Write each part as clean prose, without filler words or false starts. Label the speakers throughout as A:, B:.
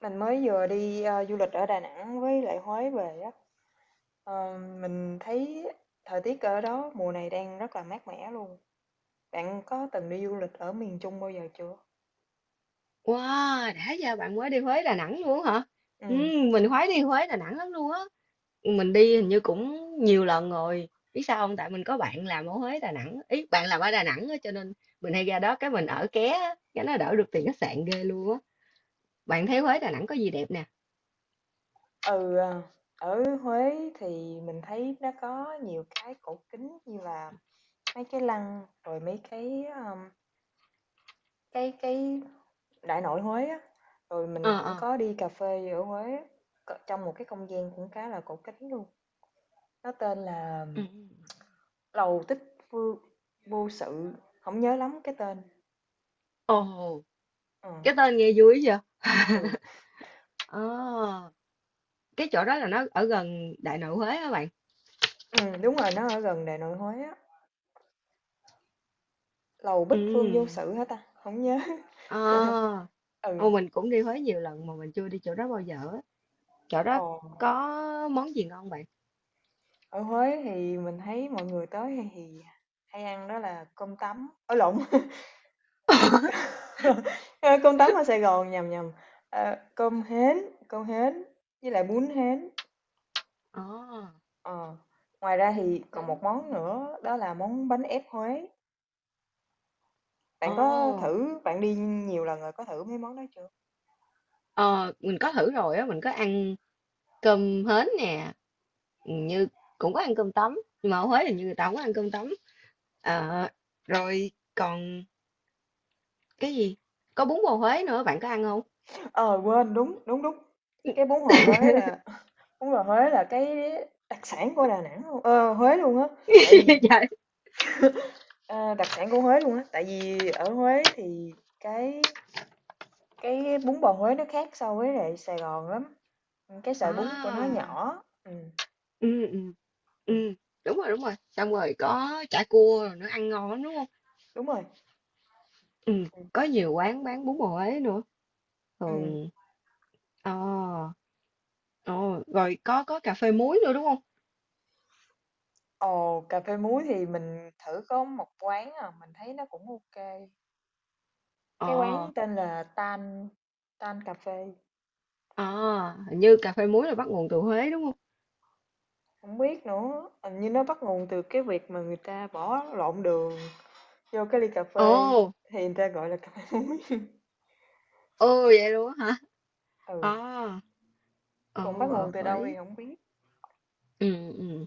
A: Mình mới vừa đi du lịch ở Đà Nẵng với lại Huế về á. Mình thấy thời tiết ở đó mùa này đang rất là mát mẻ luôn. Bạn có từng đi du lịch ở miền Trung bao giờ chưa?
B: Wow, đã giờ bạn mới đi Huế Đà Nẵng luôn hả? Ừ,
A: Ừ.
B: mình khoái đi Huế Đà Nẵng lắm luôn á. Mình đi hình như cũng nhiều lần rồi. Biết sao không? Tại mình có bạn làm ở Huế Đà Nẵng. Ý, bạn làm ở Đà Nẵng á, cho nên mình hay ra đó cái mình ở ké á, cái nó đỡ được tiền khách sạn ghê luôn á. Bạn thấy Huế Đà Nẵng có gì đẹp nè?
A: Ừ, ờ, Ở Huế thì mình thấy nó có nhiều cái cổ kính như là mấy cái lăng rồi mấy cái đại nội Huế á. Rồi
B: Ờ
A: mình cũng
B: ờ.
A: có đi cà phê ở Huế á, trong một cái không gian cũng khá là cổ kính luôn. Nó tên là
B: Ừ. Ừ.
A: Lầu Tích Phương Vô Sự, không nhớ lắm cái tên.
B: Ồ,
A: Ờ,
B: cái tên nghe vui vậy.
A: ừ,
B: Ờ, cái chỗ đó là nó ở gần Đại Nội Huế á bạn.
A: Đúng rồi, nó ở gần Đại Nội Huế á. Lầu Bích
B: Ừ.
A: Phương Vô Sự hả ta? Không nhớ.
B: Ờ.
A: Ừ,
B: Ồ, mình cũng đi Huế nhiều lần mà mình chưa đi chỗ đó bao giờ á. Chỗ
A: ờ,
B: đó có món gì ngon bạn?
A: Ở Huế thì mình thấy mọi người tới hay ăn đó là cơm tấm, ối lộn, ơ, cơm tấm ở Sài Gòn, nhầm, cơm hến, cơm hến với lại bún hến.
B: Ồ,
A: Ờ, Ngoài ra
B: hên
A: thì còn
B: hến.
A: một món nữa đó là món bánh ép Huế. Bạn có
B: Ồ,
A: thử bạn đi nhiều lần rồi, có thử mấy món đó chưa?
B: ờ, mình có thử rồi á, mình có ăn cơm hến nè, như cũng có ăn cơm tấm, nhưng mà ở Huế thì như người ta không có ăn cơm tấm. Ờ, rồi còn cái gì? Có bún bò Huế nữa, bạn có ăn không?
A: Ờ, Quên, đúng, đúng, đúng. Cái bún bò Huế là Bún bò Huế là cái đặc sản của Đà Nẵng luôn, ờ, Huế luôn á. Tại vì
B: Vậy.
A: ờ, đặc sản của Huế luôn á. Tại vì ở Huế thì cái bún bò Huế nó khác so với lại Sài Gòn lắm. Ừ, cái sợi
B: À,
A: bún của nó nhỏ. Ừ,
B: ừ, ừ,
A: ừ,
B: ừ, đúng rồi, đúng rồi. Xong rồi có chả cua rồi nữa, ăn ngon lắm đúng không?
A: đúng rồi.
B: Ừ,
A: Ừ.
B: có nhiều quán bán bún bò Huế nữa.
A: Ừ.
B: Thường, ờ. Ồ, rồi có cà phê muối nữa đúng không?
A: Ồ, cà phê muối thì mình thử có một quán à, mình thấy nó cũng ok. Cái
B: Ờ,
A: quán tên là Tan Tan Cà phê.
B: à, hình như cà phê muối là bắt nguồn từ Huế đúng không?
A: Không biết nữa, hình như nó bắt nguồn từ cái việc mà người ta bỏ lộn đường vô cái ly cà phê
B: Ồ,
A: thì người ta gọi là cà phê muối.
B: ồ vậy luôn á hả?
A: Ừ,
B: À,
A: còn
B: ồ,
A: bắt
B: ở
A: nguồn từ đâu
B: Huế.
A: thì không biết.
B: Ừ, ừ.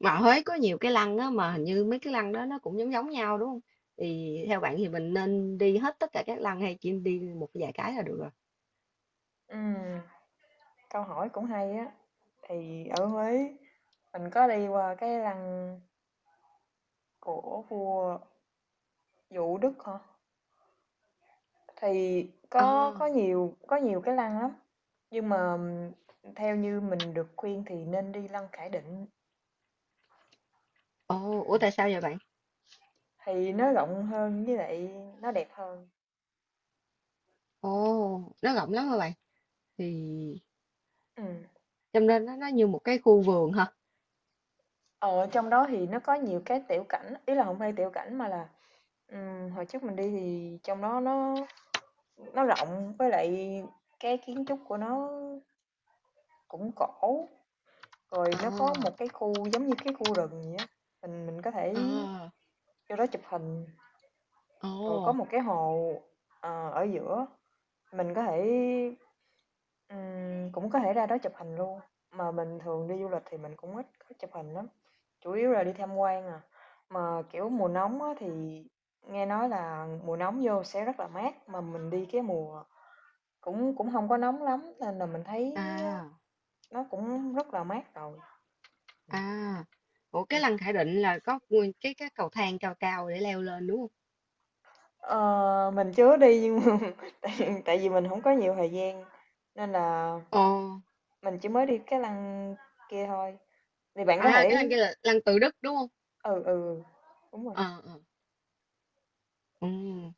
B: Mà ở Huế có nhiều cái lăng á mà hình như mấy cái lăng đó nó cũng giống giống nhau đúng không? Thì theo bạn thì mình nên đi hết tất cả các lăng hay chỉ đi một vài cái là được rồi?
A: Ừm, Câu hỏi cũng hay á. Thì ở Huế mình có đi qua cái lăng của vua Vũ Đức hả? Thì
B: À,
A: có nhiều cái lăng lắm, nhưng mà theo như mình được khuyên thì nên đi lăng Khải Định,
B: ồ, ủa tại sao vậy bạn?
A: thì nó rộng hơn với lại nó đẹp hơn.
B: Ồ, nó rộng lắm hả bạn? Thì
A: Ừm.
B: cho nên nó như một cái khu vườn hả?
A: Ờ, trong đó thì nó có nhiều cái tiểu cảnh, ý là không phải tiểu cảnh mà là, hồi trước mình đi thì trong đó nó rộng, với lại cái kiến trúc của nó cũng cổ, rồi nó
B: À,
A: có một cái khu giống như cái khu rừng vậy á, mình có thể
B: à,
A: vô đó chụp hình. Rồi có
B: ồ.
A: một cái hồ, ờ, ở giữa, mình có thể ừm, cũng có thể ra đó chụp hình luôn, mà mình thường đi du lịch thì mình cũng ít có chụp hình lắm, chủ yếu là đi tham quan à. Mà, kiểu, mùa nóng á thì nghe nói là mùa nóng vô sẽ rất là mát, mà mình đi cái mùa cũng cũng không có nóng lắm nên là mình thấy á
B: À,
A: nó cũng rất là mát rồi. Ừm,
B: à, ủa cái
A: ừm.
B: lăng Khải Định là có nguyên cái cầu thang cao cao để leo lên đúng không?
A: Ờ, mình chưa đi nhưng mà tại tại vì mình không có nhiều thời gian nên là
B: Ồ,
A: mình chỉ mới đi cái lăng kia thôi, thì bạn có
B: à cái
A: thể
B: lăng kia là lăng Tự Đức đúng không?
A: ừ, ừ, đúng rồi.
B: Ờ, ờ, ừ,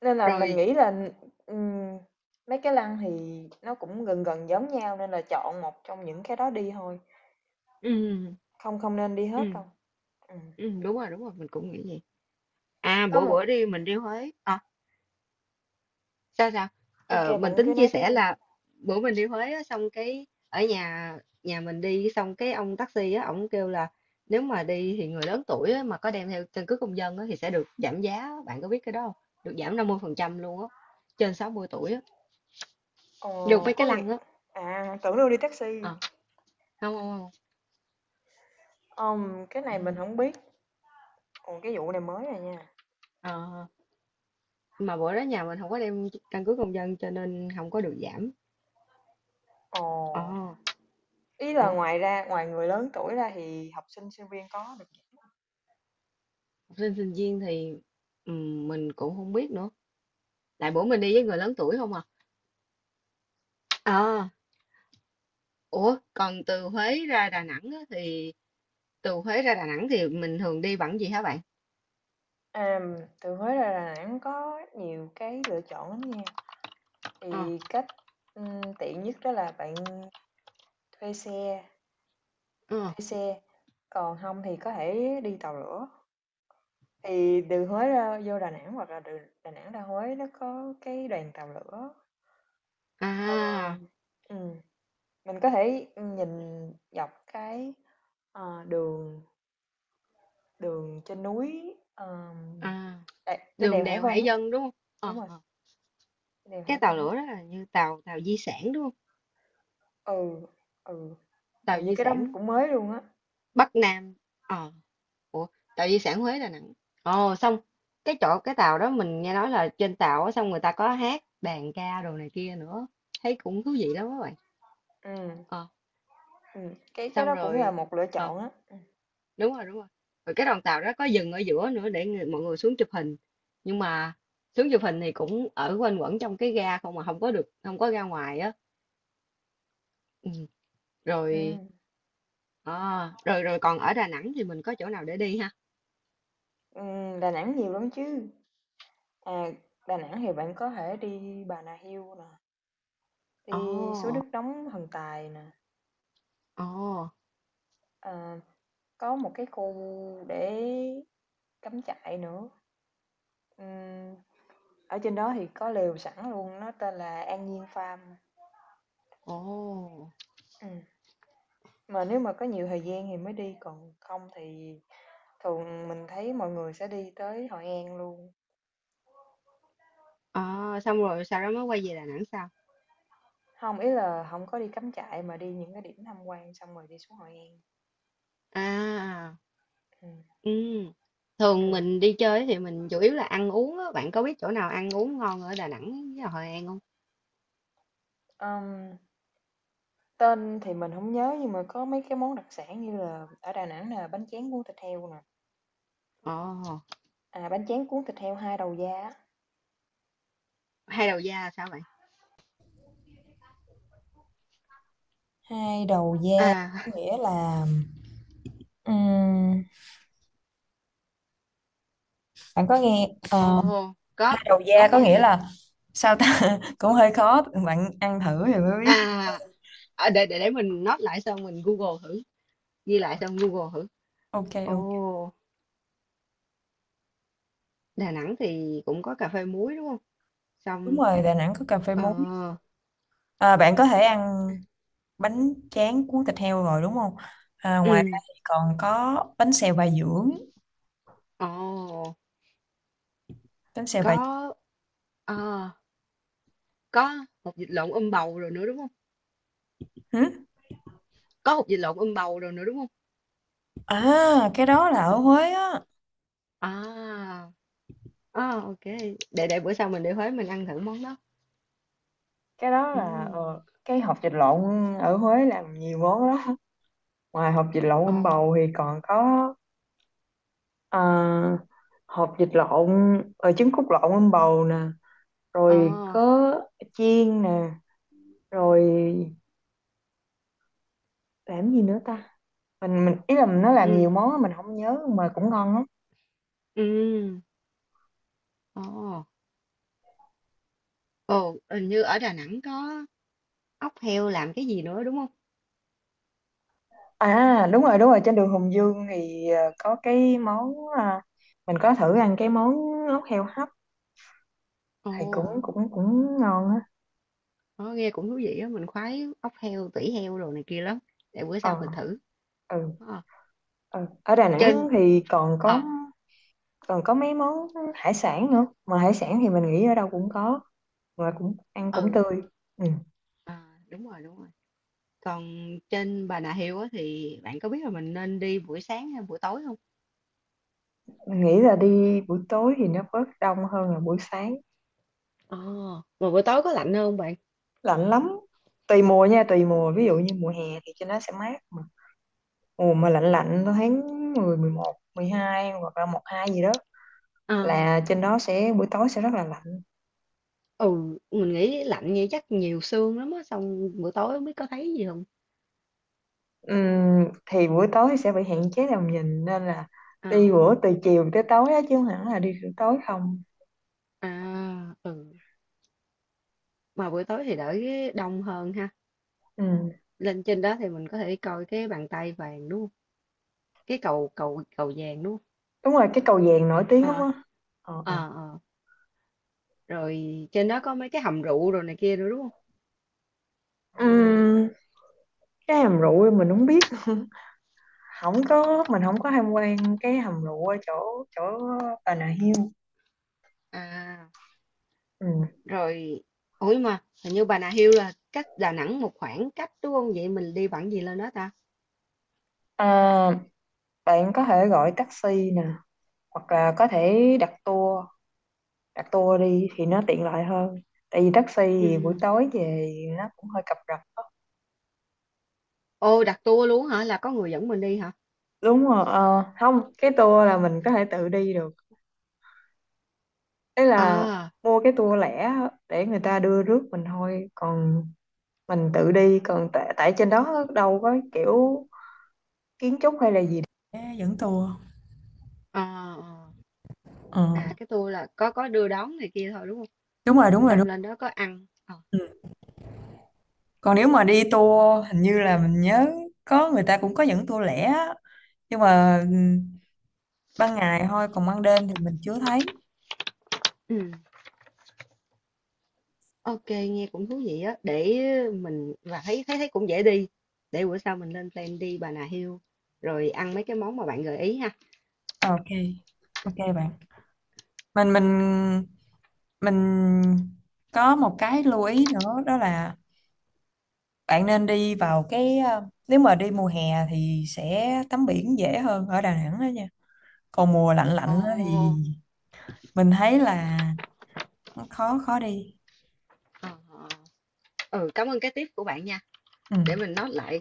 A: Nên là mình
B: rồi,
A: nghĩ là, ừm, mấy cái lăng thì nó cũng gần gần giống nhau nên là chọn một trong những cái đó đi thôi,
B: ừ,
A: không không nên đi hết
B: ừ,
A: đâu. Ừm.
B: ừ, đúng rồi, mình cũng nghĩ vậy. À,
A: Có
B: bữa
A: một
B: bữa đi mình đi Huế, sao sao
A: ok
B: ờ, mình
A: bạn cứ
B: tính chia
A: nói tiếp
B: sẻ
A: đi.
B: là bữa mình đi Huế á, xong cái ở nhà nhà mình đi xong cái ông taxi á ổng kêu là nếu mà đi thì người lớn tuổi á, mà có đem theo căn cước công dân á, thì sẽ được giảm giá á. Bạn có biết cái đó không? Được giảm 50% luôn á, trên 60 tuổi á,
A: Ờ,
B: được mấy
A: có
B: cái
A: nghĩa
B: lăng á.
A: à, tưởng đâu đi taxi,
B: Ờ, không không không.
A: cái
B: Ừ.
A: này mình không biết, ồ, cái vụ này mới à nha.
B: Ờ, mà bữa đó nhà mình không có đem căn cước công dân cho nên không có được giảm.
A: Ồ,
B: Ờ,
A: ý là
B: ủa
A: ngoài ra ngoài người lớn tuổi ra thì học sinh, sinh viên có được giảm
B: học sinh sinh viên thì mình cũng không biết nữa, lại bữa mình đi với người lớn tuổi không à. Ờ. Ủa, còn từ Huế ra Đà Nẵng á, thì từ Huế ra Đà Nẵng thì mình thường đi bằng gì hả bạn?
A: à, từ Huế ra Đà Nẵng có nhiều cái lựa chọn lắm nha,
B: Ờ,
A: thì cách, tiện nhất đó là bạn thuê xe,
B: ờ,
A: thuê xe, còn không thì có thể đi tàu lửa. Thì từ Huế ra vô Đà Nẵng hoặc là từ Đà Nẵng ra Huế nó có cái đoàn tàu lửa. Ờ,
B: à,
A: ừm, mình có thể nhìn dọc cái, ờ, đường đường trên núi,
B: à,
A: đè trên đèo
B: đường
A: Hải
B: đèo
A: Vân
B: hải
A: á,
B: dân đúng không?
A: đúng
B: Ờ,
A: rồi,
B: ờ.
A: trên đèo Hải
B: Cái
A: Vân
B: tàu
A: á.
B: lửa đó là như tàu tàu di sản đúng không?
A: Ừ, ừ,
B: Tàu
A: hình như
B: di
A: cái đó
B: sản
A: cũng mới luôn á.
B: Bắc Nam. Ờ, ủa, tàu di sản Huế Đà Nẵng. Ồ, xong cái chỗ cái tàu đó mình nghe nói là trên tàu á, xong người ta có hát đàn ca đồ này kia nữa. Thấy cũng thú vị lắm các bạn.
A: Ừm,
B: Ờ,
A: cái
B: xong
A: đó cũng là
B: rồi.
A: một lựa
B: Ờ,
A: chọn á.
B: đúng rồi đúng rồi, rồi cái đoàn tàu đó có dừng ở giữa nữa để mọi người xuống chụp hình, nhưng mà xuống chụp hình thì cũng ở quanh quẩn trong cái ga không mà không có ra ngoài á. Ừ. Rồi
A: Ừm,
B: à, rồi rồi còn ở Đà Nẵng thì mình có chỗ nào để đi ha?
A: Đà Nẵng nhiều lắm chứ. À, Đà Nẵng thì bạn có thể đi Bà Nà Hills nè,
B: Ồ
A: đi suối nước nóng Thần Tài nè,
B: ồ
A: ờ, có một cái khu để cắm trại nữa. Ừm, ở trên đó thì có lều sẵn luôn, nó tên là An Nhiên Farm.
B: ồ.
A: Ừ. Mà nếu mà có nhiều thời gian thì mới đi, còn không thì thường mình thấy mọi người sẽ đi tới Hội An luôn.
B: À, xong rồi sau đó mới quay về Đà Nẵng sao?
A: Không, ý là không có đi cắm trại mà đi những cái điểm tham quan xong rồi đi xuống Hội An.
B: À
A: Ừ.
B: ừ.
A: Ừ.
B: Thường mình đi chơi thì mình chủ yếu là ăn uống á, bạn có biết chỗ nào ăn uống ngon ở Đà Nẵng với Hội An không?
A: Ừm, tên thì mình không nhớ nhưng mà có mấy cái món đặc sản như là ở Đà Nẵng là bánh tráng cuốn thịt heo nè,
B: Ồ.
A: à, bánh tráng cuốn thịt heo hai đầu da á.
B: Hai đầu da sao vậy?
A: Hai đầu da
B: À,
A: có nghĩa là ừm, bạn có nghe ờ,
B: ồ,
A: hai đầu
B: có
A: da có
B: nghe
A: nghĩa
B: được.
A: là sao ta cũng hơi khó bạn ăn thử thì mới biết
B: À, à, để mình note lại xong mình Google thử, ghi lại xong Google thử.
A: ok ok
B: Ồ, Đà Nẵng thì cũng có cà phê muối đúng không?
A: đúng
B: Xong
A: rồi Đà Nẵng có cà phê
B: ờ
A: muối à, bạn có thể ăn bánh tráng cuốn thịt heo rồi đúng không à, ngoài ra
B: ừ,
A: thì còn có bánh xèo Bà Dưỡng
B: ồ,
A: bánh xèo Bà
B: có ờ, có hột vịt lộn bầu rồi nữa đúng không?
A: Dưỡng
B: Có hột vịt lộn bầu rồi nữa đúng không?
A: À, cái đó là ở Huế á.
B: À, à ok, để bữa sau mình đi Huế mình ăn thử món đó.
A: Cái đó
B: Ừ.
A: là ờ, cái hột vịt lộn ở Huế làm nhiều món lắm ngoài hột vịt lộn
B: Ồ,
A: bầu thì còn có ờ, hột vịt lộn ờ, trứng cút lộn bầu nè
B: ờ,
A: rồi có chiên nè rồi làm gì nữa ta mình ý là nó làm nhiều
B: ừ,
A: món á, mình không nhớ mà cũng ngon lắm
B: ừ. Ồ, ồ, hình như ở Đà Nẵng có ốc heo làm cái gì nữa đúng không?
A: à đúng rồi trên đường Hùng Vương thì ờ, có mình có thử ăn cái món ốc heo hấp thì cũng
B: Ồ,
A: cũng cũng ngon á
B: nó nghe cũng thú vị á, mình khoái ốc heo tỉ heo đồ này kia lắm, để bữa sau mình
A: ờ
B: thử.
A: ừ,
B: Ờ,
A: ừ. Ở Đà Nẵng
B: trên
A: thì
B: ờ
A: còn có mấy món hải sản nữa mà hải sản thì mình nghĩ ở đâu cũng có mà cũng ăn cũng
B: ừ
A: tươi ừ.
B: ờ, đúng rồi đúng rồi, còn trên Bà Nà Hills á thì bạn có biết là mình nên đi buổi sáng hay buổi tối không?
A: Mình nghĩ là đi buổi tối thì nó bớt đông hơn là buổi sáng
B: Ờ, mà buổi tối có lạnh hơn không bạn?
A: lạnh lắm tùy mùa nha tùy mùa ví dụ như mùa hè thì cho nó sẽ mát mà mùa mà lạnh lạnh tháng 10, 11, 12 hoặc là 1, 2 gì đó
B: Ờ,
A: là trên đó sẽ buổi tối sẽ rất là lạnh
B: ừ, mình nghĩ lạnh như chắc nhiều sương lắm á, xong buổi tối không biết có thấy gì không.
A: ừm, thì buổi tối sẽ bị hạn chế tầm nhìn nên là
B: Ờ,
A: đi bữa từ chiều tới tối á chứ không hẳn là đi từ tối không
B: à ừ, mà buổi tối thì đỡ đông hơn ha.
A: ừm,
B: Lên trên đó thì mình có thể coi cái bàn tay vàng đúng không? Cái cầu cầu cầu vàng đúng không?
A: đúng rồi cái cầu vàng nổi tiếng lắm
B: À,
A: á ờ,
B: à,
A: ờ.
B: à. Rồi trên đó có mấy cái hầm rượu rồi này kia nữa đúng không?
A: Ừm, cái hầm rượu mình không biết không có mình không có tham quan cái hầm rượu ở chỗ chỗ Bà Nà Hills
B: À
A: ừm.
B: rồi, ủa mà hình như Bà Nà Hills là cách Đà Nẵng một khoảng cách đúng không, vậy mình đi bằng gì lên đó ta?
A: À, bạn có thể gọi taxi nè hoặc là có thể đặt tour đi thì nó tiện lợi hơn tại vì taxi thì buổi
B: Ừ.
A: tối về nó cũng hơi cập rập
B: Ô, đặt tour luôn hả, là có người dẫn mình đi hả?
A: đúng rồi ờ, không cái tour là mình có thể tự đi được đấy là
B: À
A: mua cái tour lẻ á, để người ta đưa rước mình thôi còn mình tự đi còn tại trên đó đâu có kiểu kiến trúc hay là gì ê, dẫn tour
B: à à,
A: ờ
B: à cái tour là có đưa đón này kia thôi đúng không?
A: đúng rồi đúng rồi đúng
B: Xong lên đó có ăn. Ờ.
A: ừ. Còn nếu mà đi tour hình như là mình nhớ có người ta cũng có dẫn tour lẻ á. Nhưng mà ừ, ban ngày thôi còn ban đêm thì mình chưa thấy
B: Ừ. Ok, nghe cũng thú vị á. Để mình và thấy thấy thấy cũng dễ đi. Để bữa sau mình lên plan đi Bà Nà Hills rồi ăn mấy cái món mà bạn gợi ý ha.
A: ờ, ok ok bạn mình mình mình có một cái lưu ý nữa đó là bạn nên đi vào cái ờ, nếu mà đi mùa hè thì sẽ tắm biển dễ hơn ở Đà Nẵng đó nha còn mùa lạnh lạnh á thì
B: Ồ,
A: mình thấy là nó khó khó đi
B: ờ, ờ. Ừ, cảm ơn cái tip của bạn nha. Để
A: ừ.
B: mình note lại